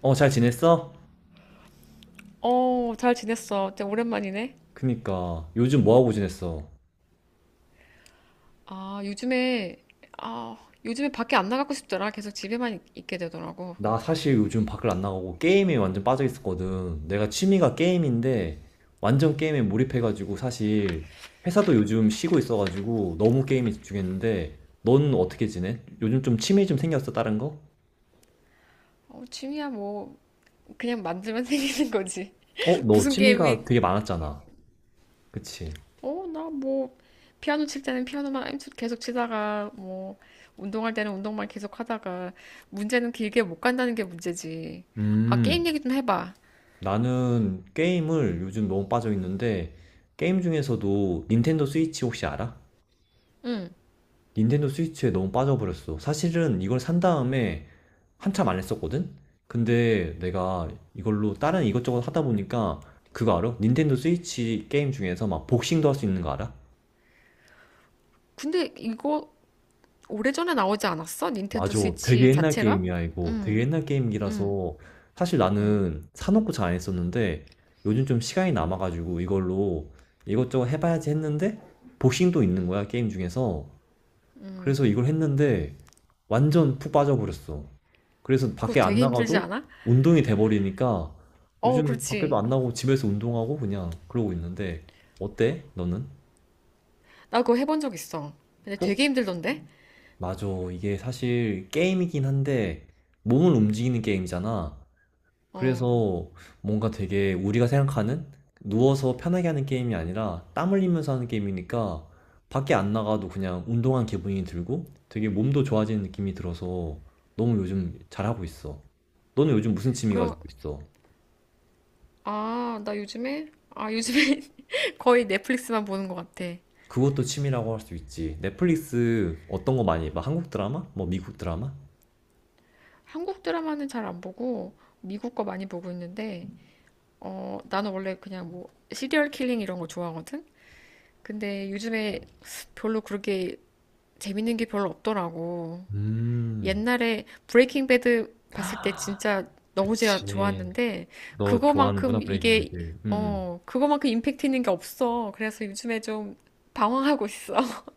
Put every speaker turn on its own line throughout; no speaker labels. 어, 잘 지냈어?
어, 잘 지냈어. 진짜 오랜만이네.
그니까, 요즘 뭐하고 지냈어?
아, 요즘에, 아, 요즘에 밖에 안 나가고 싶더라. 계속 집에만 있게 되더라고.
나 사실 요즘 밖을 안 나가고 게임에 완전 빠져 있었거든. 내가 취미가 게임인데, 완전 게임에 몰입해가지고 사실, 회사도 요즘 쉬고 있어가지고 너무 게임에 집중했는데, 넌 어떻게 지내? 요즘 좀 취미 좀 생겼어, 다른 거?
어, 취미야, 뭐, 그냥 만들면 생기는 거지.
어, 너
무슨
취미가
게임에,
되게 많았잖아. 그치?
어, 나 뭐, 피아노 칠 때는 피아노만 계속 치다가, 뭐, 운동할 때는 운동만 계속 하다가, 문제는 길게 못 간다는 게 문제지. 아, 게임
음,
얘기 좀 해봐.
나는 게임을 요즘 너무 빠져 있는데, 게임 중에서도 닌텐도 스위치 혹시 알아? 닌텐도 스위치에 너무 빠져버렸어. 사실은 이걸 산 다음에 한참 안 했었거든? 근데 내가 이걸로 다른 이것저것 하다 보니까 그거 알아? 닌텐도 스위치 게임 중에서 막 복싱도 할 수 있는 거 알아?
근데 이거 오래전에 나오지 않았어? 닌텐도
맞아. 되게
스위치
옛날
자체가?
게임이야, 이거. 되게
응.
옛날 게임이라서 사실 나는 사놓고 잘 안 했었는데 요즘 좀 시간이 남아가지고 이걸로 이것저것 해봐야지 했는데 복싱도 있는 거야, 게임 중에서. 그래서 이걸 했는데 완전 푹 빠져버렸어. 그래서
그거
밖에 안
되게 힘들지
나가도
않아?
운동이 돼버리니까
어,
요즘 밖에도
그렇지.
안 나가고 집에서 운동하고 그냥 그러고 있는데 어때? 너는?
나 그거 해본 적 있어. 근데
어?
되게 힘들던데?
맞아. 이게 사실 게임이긴 한데 몸을 움직이는 게임이잖아.
어.
그래서 뭔가 되게 우리가 생각하는 누워서 편하게 하는 게임이 아니라 땀 흘리면서 하는 게임이니까 밖에 안 나가도 그냥 운동한 기분이 들고 되게 몸도 좋아지는 느낌이 들어서 너무 요즘 잘하고 있어. 너는 요즘 무슨 취미
그럼,
가지고 있어?
요즘에 거의 넷플릭스만 보는 것 같아.
그것도 취미라고 할 수 있지. 넷플릭스 어떤 거 많이 봐? 한국 드라마? 뭐 미국 드라마?
한국 드라마는 잘 안 보고, 미국 거 많이 보고 있는데, 어, 나는 원래 그냥 뭐, 시리얼 킬링 이런 거 좋아하거든? 근데 요즘에 별로 그렇게 재밌는 게 별로 없더라고.
음.
옛날에 브레이킹 배드 봤을 때 진짜 너무 제
그치.
좋았는데
너 좋아하는구나,
그거만큼
브레이킹
이게
배드. 음.
어 그거만큼 임팩트 있는 게 없어. 그래서 요즘에 좀 방황하고 있어.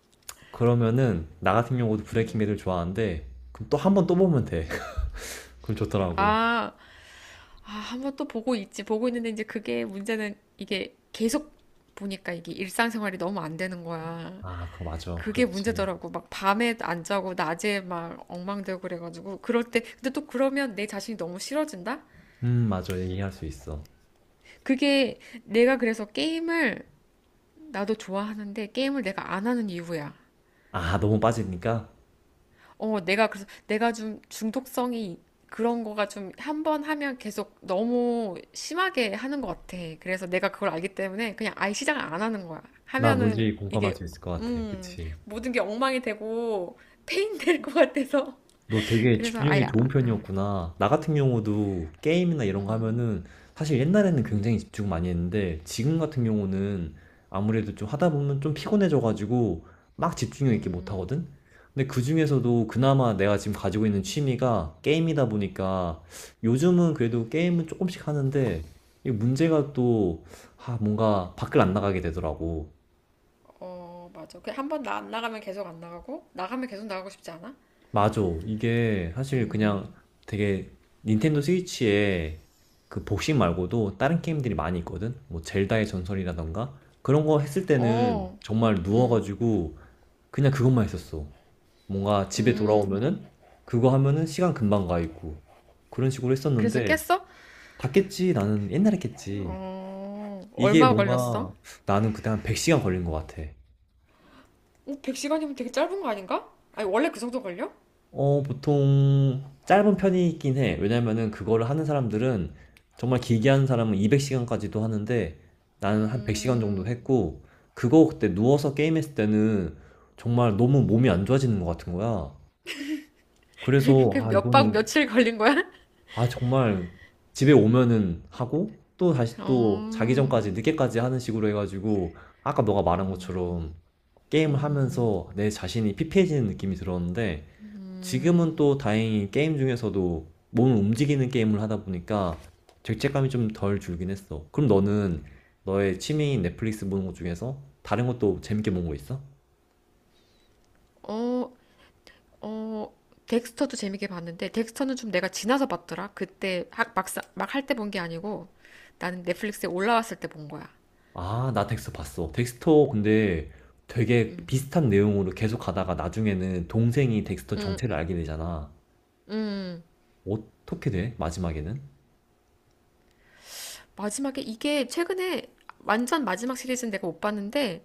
그러면은 나 같은 경우도 브레이킹 배드를 좋아하는데 그럼 또 한 번 또 보면 돼. 그럼 좋더라고.
아, 한번 또 보고 있지. 보고 있는데 이제 그게 문제는 이게 계속 보니까 이게 일상생활이 너무 안 되는 거야.
아, 그거 맞아.
그게
그렇지.
문제더라고. 막 밤에 안 자고 낮에 막 엉망되고 그래가지고 그럴 때 근데 또 그러면 내 자신이 너무 싫어진다?
맞아. 얘기할 수 있어.
그게 내가 그래서 게임을 나도 좋아하는데 게임을 내가 안 하는 이유야.
아, 너무 빠지니까
어, 내가 그래서 내가 좀 중독성이 그런 거가 좀 한 번 하면 계속 너무 심하게 하는 것 같아. 그래서 내가 그걸 알기 때문에 그냥 아예 시작을 안 하는 거야.
나
하면은
뭔지 공감할
이게
수 있을 것 같아.
음,
그치?
모든 게 엉망이 되고 페인 될 것 같아서.
너 되게
그래서 아예
집중력이
안,
좋은
어,
편이었구나. 나 같은 경우도 게임이나 이런 거 하면은 사실 옛날에는 굉장히 집중 많이 했는데 지금 같은 경우는 아무래도 좀 하다 보면 좀 피곤해져가지고 막 집중력 있게 못 하거든? 근데 그중에서도 그나마 내가 지금 가지고 있는 취미가 게임이다 보니까 요즘은 그래도 게임은 조금씩 하는데 이 문제가 또, 아, 뭔가 밖을 안 나가게 되더라고.
어, 맞아. 그 한 번 나 안 나가면 계속 안 나가고 나가면 계속 나가고 싶지 않아?
맞아. 이게 사실 그냥 되게 닌텐도 스위치에 그 복식 말고도 다른 게임들이 많이 있거든? 뭐 젤다의 전설이라던가 그런 거 했을 때는
어.
정말 누워가지고 그냥 그것만 했었어. 뭔가 집에 돌아오면은 그거 하면은 시간 금방 가 있고 그런 식으로
그래서
했었는데
깼어?
다 깼지. 나는 옛날에 깼지.
어,
이게
얼마 걸렸어?
뭔가 나는 그때 한 100시간 걸린 것 같아.
어, 100시간이면 되게 짧은 거 아닌가? 아니, 원래 그 정도 걸려?
어, 보통 짧은 편이긴 해. 왜냐면은 그거를 하는 사람들은 정말 길게 하는 사람은 200시간까지도 하는데 나는 한 100시간 정도
음,
했고 그거 그때 누워서 게임했을 때는 정말 너무 몸이 안 좋아지는 것 같은 거야. 그래서
그
아,
몇 박
이거는
며칠 걸린 거야?
아, 정말 집에 오면은 하고 또 다시 또 자기
어,
전까지 늦게까지 하는 식으로 해가지고 아까 너가 말한 것처럼 게임을 하면서 내 자신이 피폐해지는 느낌이 들었는데 지금은 또 다행히 게임 중에서도 몸을 움직이는 게임을 하다 보니까 죄책감이 좀 덜 줄긴 했어. 그럼 너는 너의 취미인 넷플릭스 보는 것 중에서 다른 것도 재밌게 본 거 있어?
어, 어, 덱스터도 재밌게 봤는데, 덱스터는 좀 내가 지나서 봤더라. 그때 막상, 막 할 때 본 게 아니고, 나는 넷플릭스에 올라왔을 때 본 거야.
아, 나 덱스터 봤어. 덱스터 근데 되게 비슷한 내용으로 계속 가다가 나중에는 동생이 덱스터 정체를 알게 되잖아. 어떻게 돼? 마지막에는?
마지막에 이게 최근에 완전 마지막 시리즈는 내가 못 봤는데,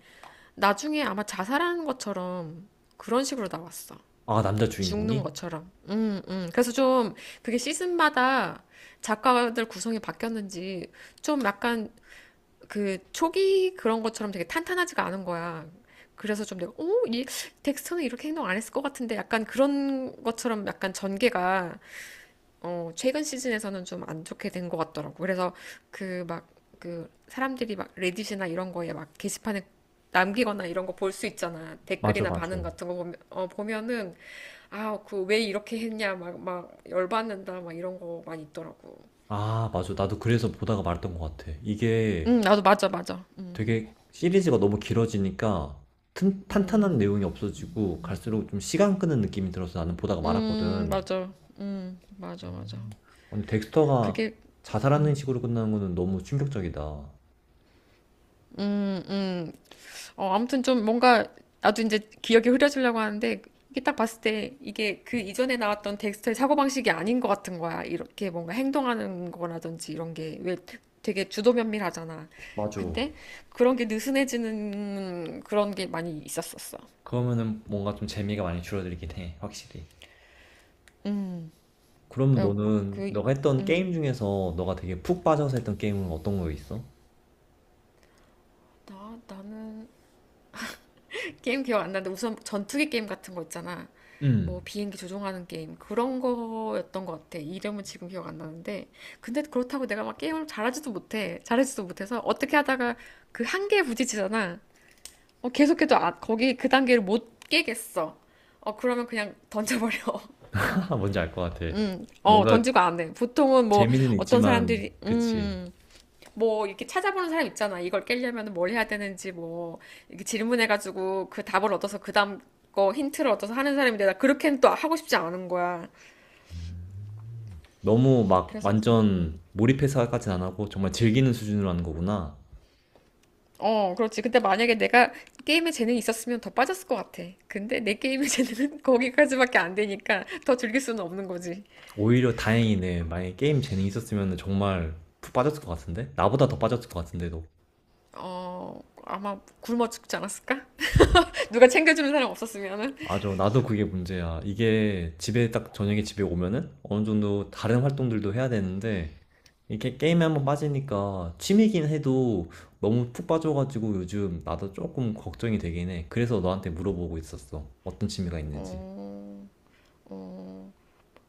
나중에 아마 자살하는 것처럼 그런 식으로 나왔어.
아, 남자
죽는
주인공이?
것처럼. 그래서 좀 그게 시즌마다 작가들 구성이 바뀌었는지 좀 약간 그 초기 그런 것처럼 되게 탄탄하지가 않은 거야. 그래서 좀 내가, 오, 이 텍스트는 이렇게 행동 안 했을 것 같은데 약간 그런 것처럼 약간 전개가 최근 시즌에서는 좀 안 좋게 된 것 같더라고. 그래서 그 막, 그 사람들이 막 레딧이나 이런 거에 막 게시판에 남기거나 이런 거 볼 수 있잖아.
맞아,
댓글이나 반응
맞아.
같은 거 보면은, 아, 그 왜 이렇게 했냐, 막, 막 열받는다, 막 이런 거 많이 있더라고.
아, 맞아. 나도 그래서 보다가 말았던 것 같아. 이게
응, 나도 맞아, 맞아.
되게 시리즈가 너무 길어지니까 탄탄한 내용이 없어지고 갈수록 좀 시간 끄는 느낌이 들어서 나는 보다가 말았거든.
맞아. 맞아, 맞아.
근데 덱스터가
그게,
자살하는 식으로 끝나는 거는 너무 충격적이다.
음, 음. 어, 아무튼 좀 뭔가 나도 이제 기억이 흐려지려고 하는데 이게 딱 봤을 때 이게 그 이전에 나왔던 덱스터의 사고방식이 아닌 것 같은 거야. 이렇게 뭔가 행동하는 거라든지 이런 게 왜 되게 주도면밀하잖아.
맞아.
근데 그런 게 느슨해지는 그런 게 많이 있었었어.
그러면은 뭔가 좀 재미가 많이 줄어들긴 해, 확실히. 그러면
그러니까
너는
그,
너가 했던 게임 중에서 너가 되게 푹 빠져서 했던 게임은 어떤 거 있어?
나는 게임 기억 안 나는데 우선 전투기 게임 같은 거 있잖아.
음,
뭐 비행기 조종하는 게임 그런 거였던 것 같아. 이름은 지금 기억 안 나는데 근데 그렇다고 내가 막 게임을 잘하지도 못해. 잘하지도 못해서 어떻게 하다가 그 한계에 부딪히잖아. 어, 계속해도 거기 그 단계를 못 깨겠어. 어, 그러면 그냥 던져버려.
뭔지 알 것 같아. 뭔가
던지고 안 해. 보통은 뭐
재미는
어떤
있지만,
사람들이,
그치.
뭐 이렇게 찾아보는 사람 있잖아. 이걸 깨려면 뭘 해야 되는지 뭐 이렇게 질문해가지고 그 답을 얻어서 그 다음 거 힌트를 얻어서 하는 사람인데 나 그렇게는 또 하고 싶지 않은 거야.
너무 막
그래서
완전 몰입해서까진 안 하고 정말 즐기는 수준으로 하는 거구나.
그렇지. 근데 만약에 내가 게임에 재능이 있었으면 더 빠졌을 것 같아. 근데 내 게임의 재능은 거기까지밖에 안 되니까 더 즐길 수는 없는 거지.
오히려 다행이네. 만약에 게임 재능이 있었으면 정말 푹 빠졌을 것 같은데? 나보다 더 빠졌을 것 같은데도.
아마 굶어 죽지 않았을까? 누가 챙겨주는 사람 없었으면은.
맞아. 나도 그게 문제야. 이게 집에 딱 저녁에 집에 오면은 어느 정도 다른 활동들도 해야 되는데 이렇게 게임에 한번 빠지니까 취미긴 해도 너무 푹 빠져가지고 요즘 나도 조금 걱정이 되긴 해. 그래서 너한테 물어보고 있었어. 어떤 취미가 있는지.
어, 어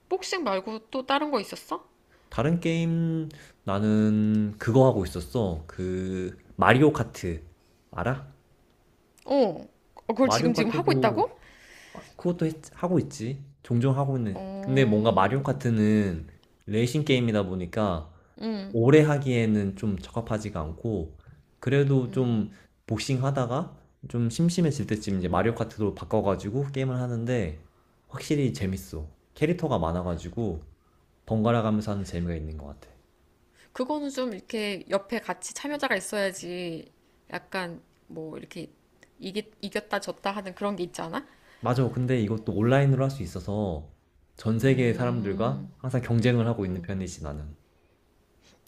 복싱 말고 또 다른 거 있었어?
다른 게임 나는 그거 하고 있었어. 그 마리오 카트 알아?
어, 어, 그걸
마리오
지금 하고
카트도
있다고?
아, 그것도 하고 있지. 종종 하고 있는. 근데 뭔가
어,
마리오 카트는 레이싱 게임이다 보니까 오래 하기에는 좀 적합하지가 않고 그래도 좀 복싱 하다가 좀 심심해질 때쯤 이제 마리오 카트로 바꿔가지고 게임을 하는데 확실히 재밌어. 캐릭터가 많아가지고 번갈아 가면서 하는 재미가 있는 것 같아.
그거는 좀 이렇게 옆에 같이 참여자가 있어야지 약간 뭐 이렇게 이겼다 졌다 하는 그런 게 있지 않아?
맞아. 근데 이것도 온라인으로 할 수 있어서 전 세계의 사람들과
음.
항상 경쟁을 하고 있는 편이지, 나는.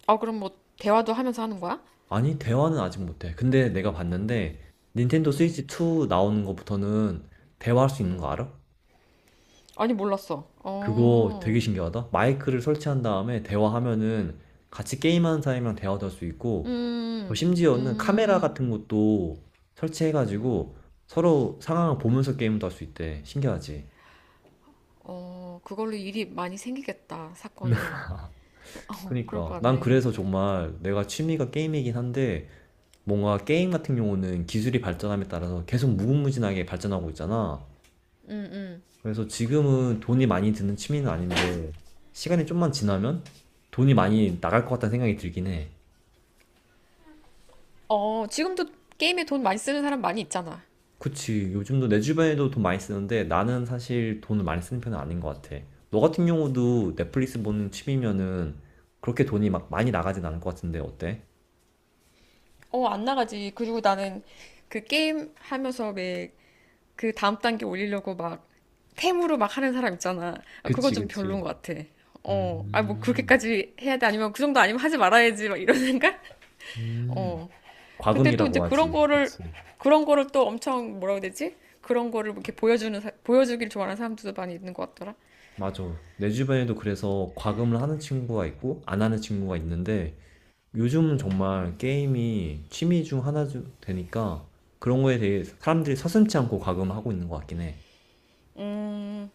아, 그럼 뭐 대화도 하면서 하는 거야?
아니, 대화는 아직 못해. 근데 내가 봤는데 닌텐도 스위치 2 나오는 것부터는 대화할 수 있는 거 알아?
아니, 몰랐어.
그거 되게
어,
신기하다. 마이크를 설치한 다음에 대화하면은 같이 게임하는 사람이랑 대화도 할 수 있고, 또
음,
심지어는 카메라
음,
같은 것도 설치해가지고 서로 상황을 보면서 게임도 할 수 있대. 신기하지?
그걸로 일이 많이 생기겠다, 사건이. 어, 그럴 것
그니까 난
같네.
그래서 정말 내가 취미가 게임이긴 한데 뭔가 게임 같은 경우는 기술이 발전함에 따라서 계속 무궁무진하게 발전하고 있잖아. 그래서 지금은 돈이 많이 드는 취미는 아닌데 시간이 좀만 지나면 돈이 많이 나갈 것 같다는 생각이 들긴 해.
어, 지금도 게임에 돈 많이 쓰는 사람 많이 있잖아.
그치. 요즘도 내 주변에도 돈 많이 쓰는데 나는 사실 돈을 많이 쓰는 편은 아닌 것 같아. 너 같은 경우도 넷플릭스 보는 취미면은 그렇게 돈이 막 많이 나가진 않을 것 같은데 어때?
어, 안 나가지. 그리고 나는 그 게임 하면서 왜 그 다음 단계 올리려고 막 템으로 막 하는 사람 있잖아. 아, 그거
그치,
좀 별론
그치.
것 같아. 뭐
음,
그렇게까지 해야 돼? 아니면 그 정도 아니면 하지 말아야지. 막 이런 생각?
음.
어. 근데 또 이제
과금이라고 하지. 그치.
그런 거를 또 엄청 뭐라고 해야 되지? 그런 거를 뭐 이렇게 보여주길 좋아하는 사람들도 많이 있는 것 같더라.
맞아. 내 주변에도 그래서 과금을 하는 친구가 있고, 안 하는 친구가 있는데, 요즘은 정말 게임이 취미 중 하나 되니까, 그런 거에 대해 사람들이 서슴지 않고 과금을 하고 있는 것 같긴 해.
음,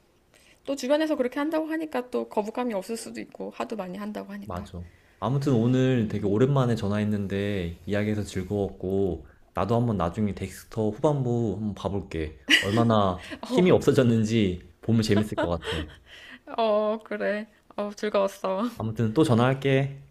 또 주변에서 그렇게 한다고 하니까 또 거부감이 없을 수도 있고, 하도 많이 한다고 하니까.
맞아. 아무튼 오늘 되게 오랜만에 전화했는데, 이야기해서 즐거웠고, 나도 한번 나중에 덱스터 후반부 한번 봐볼게. 얼마나 힘이
어,
없어졌는지 보면 재밌을 것 같아.
어, 그래. 어, 즐거웠어.
아무튼 또 전화할게.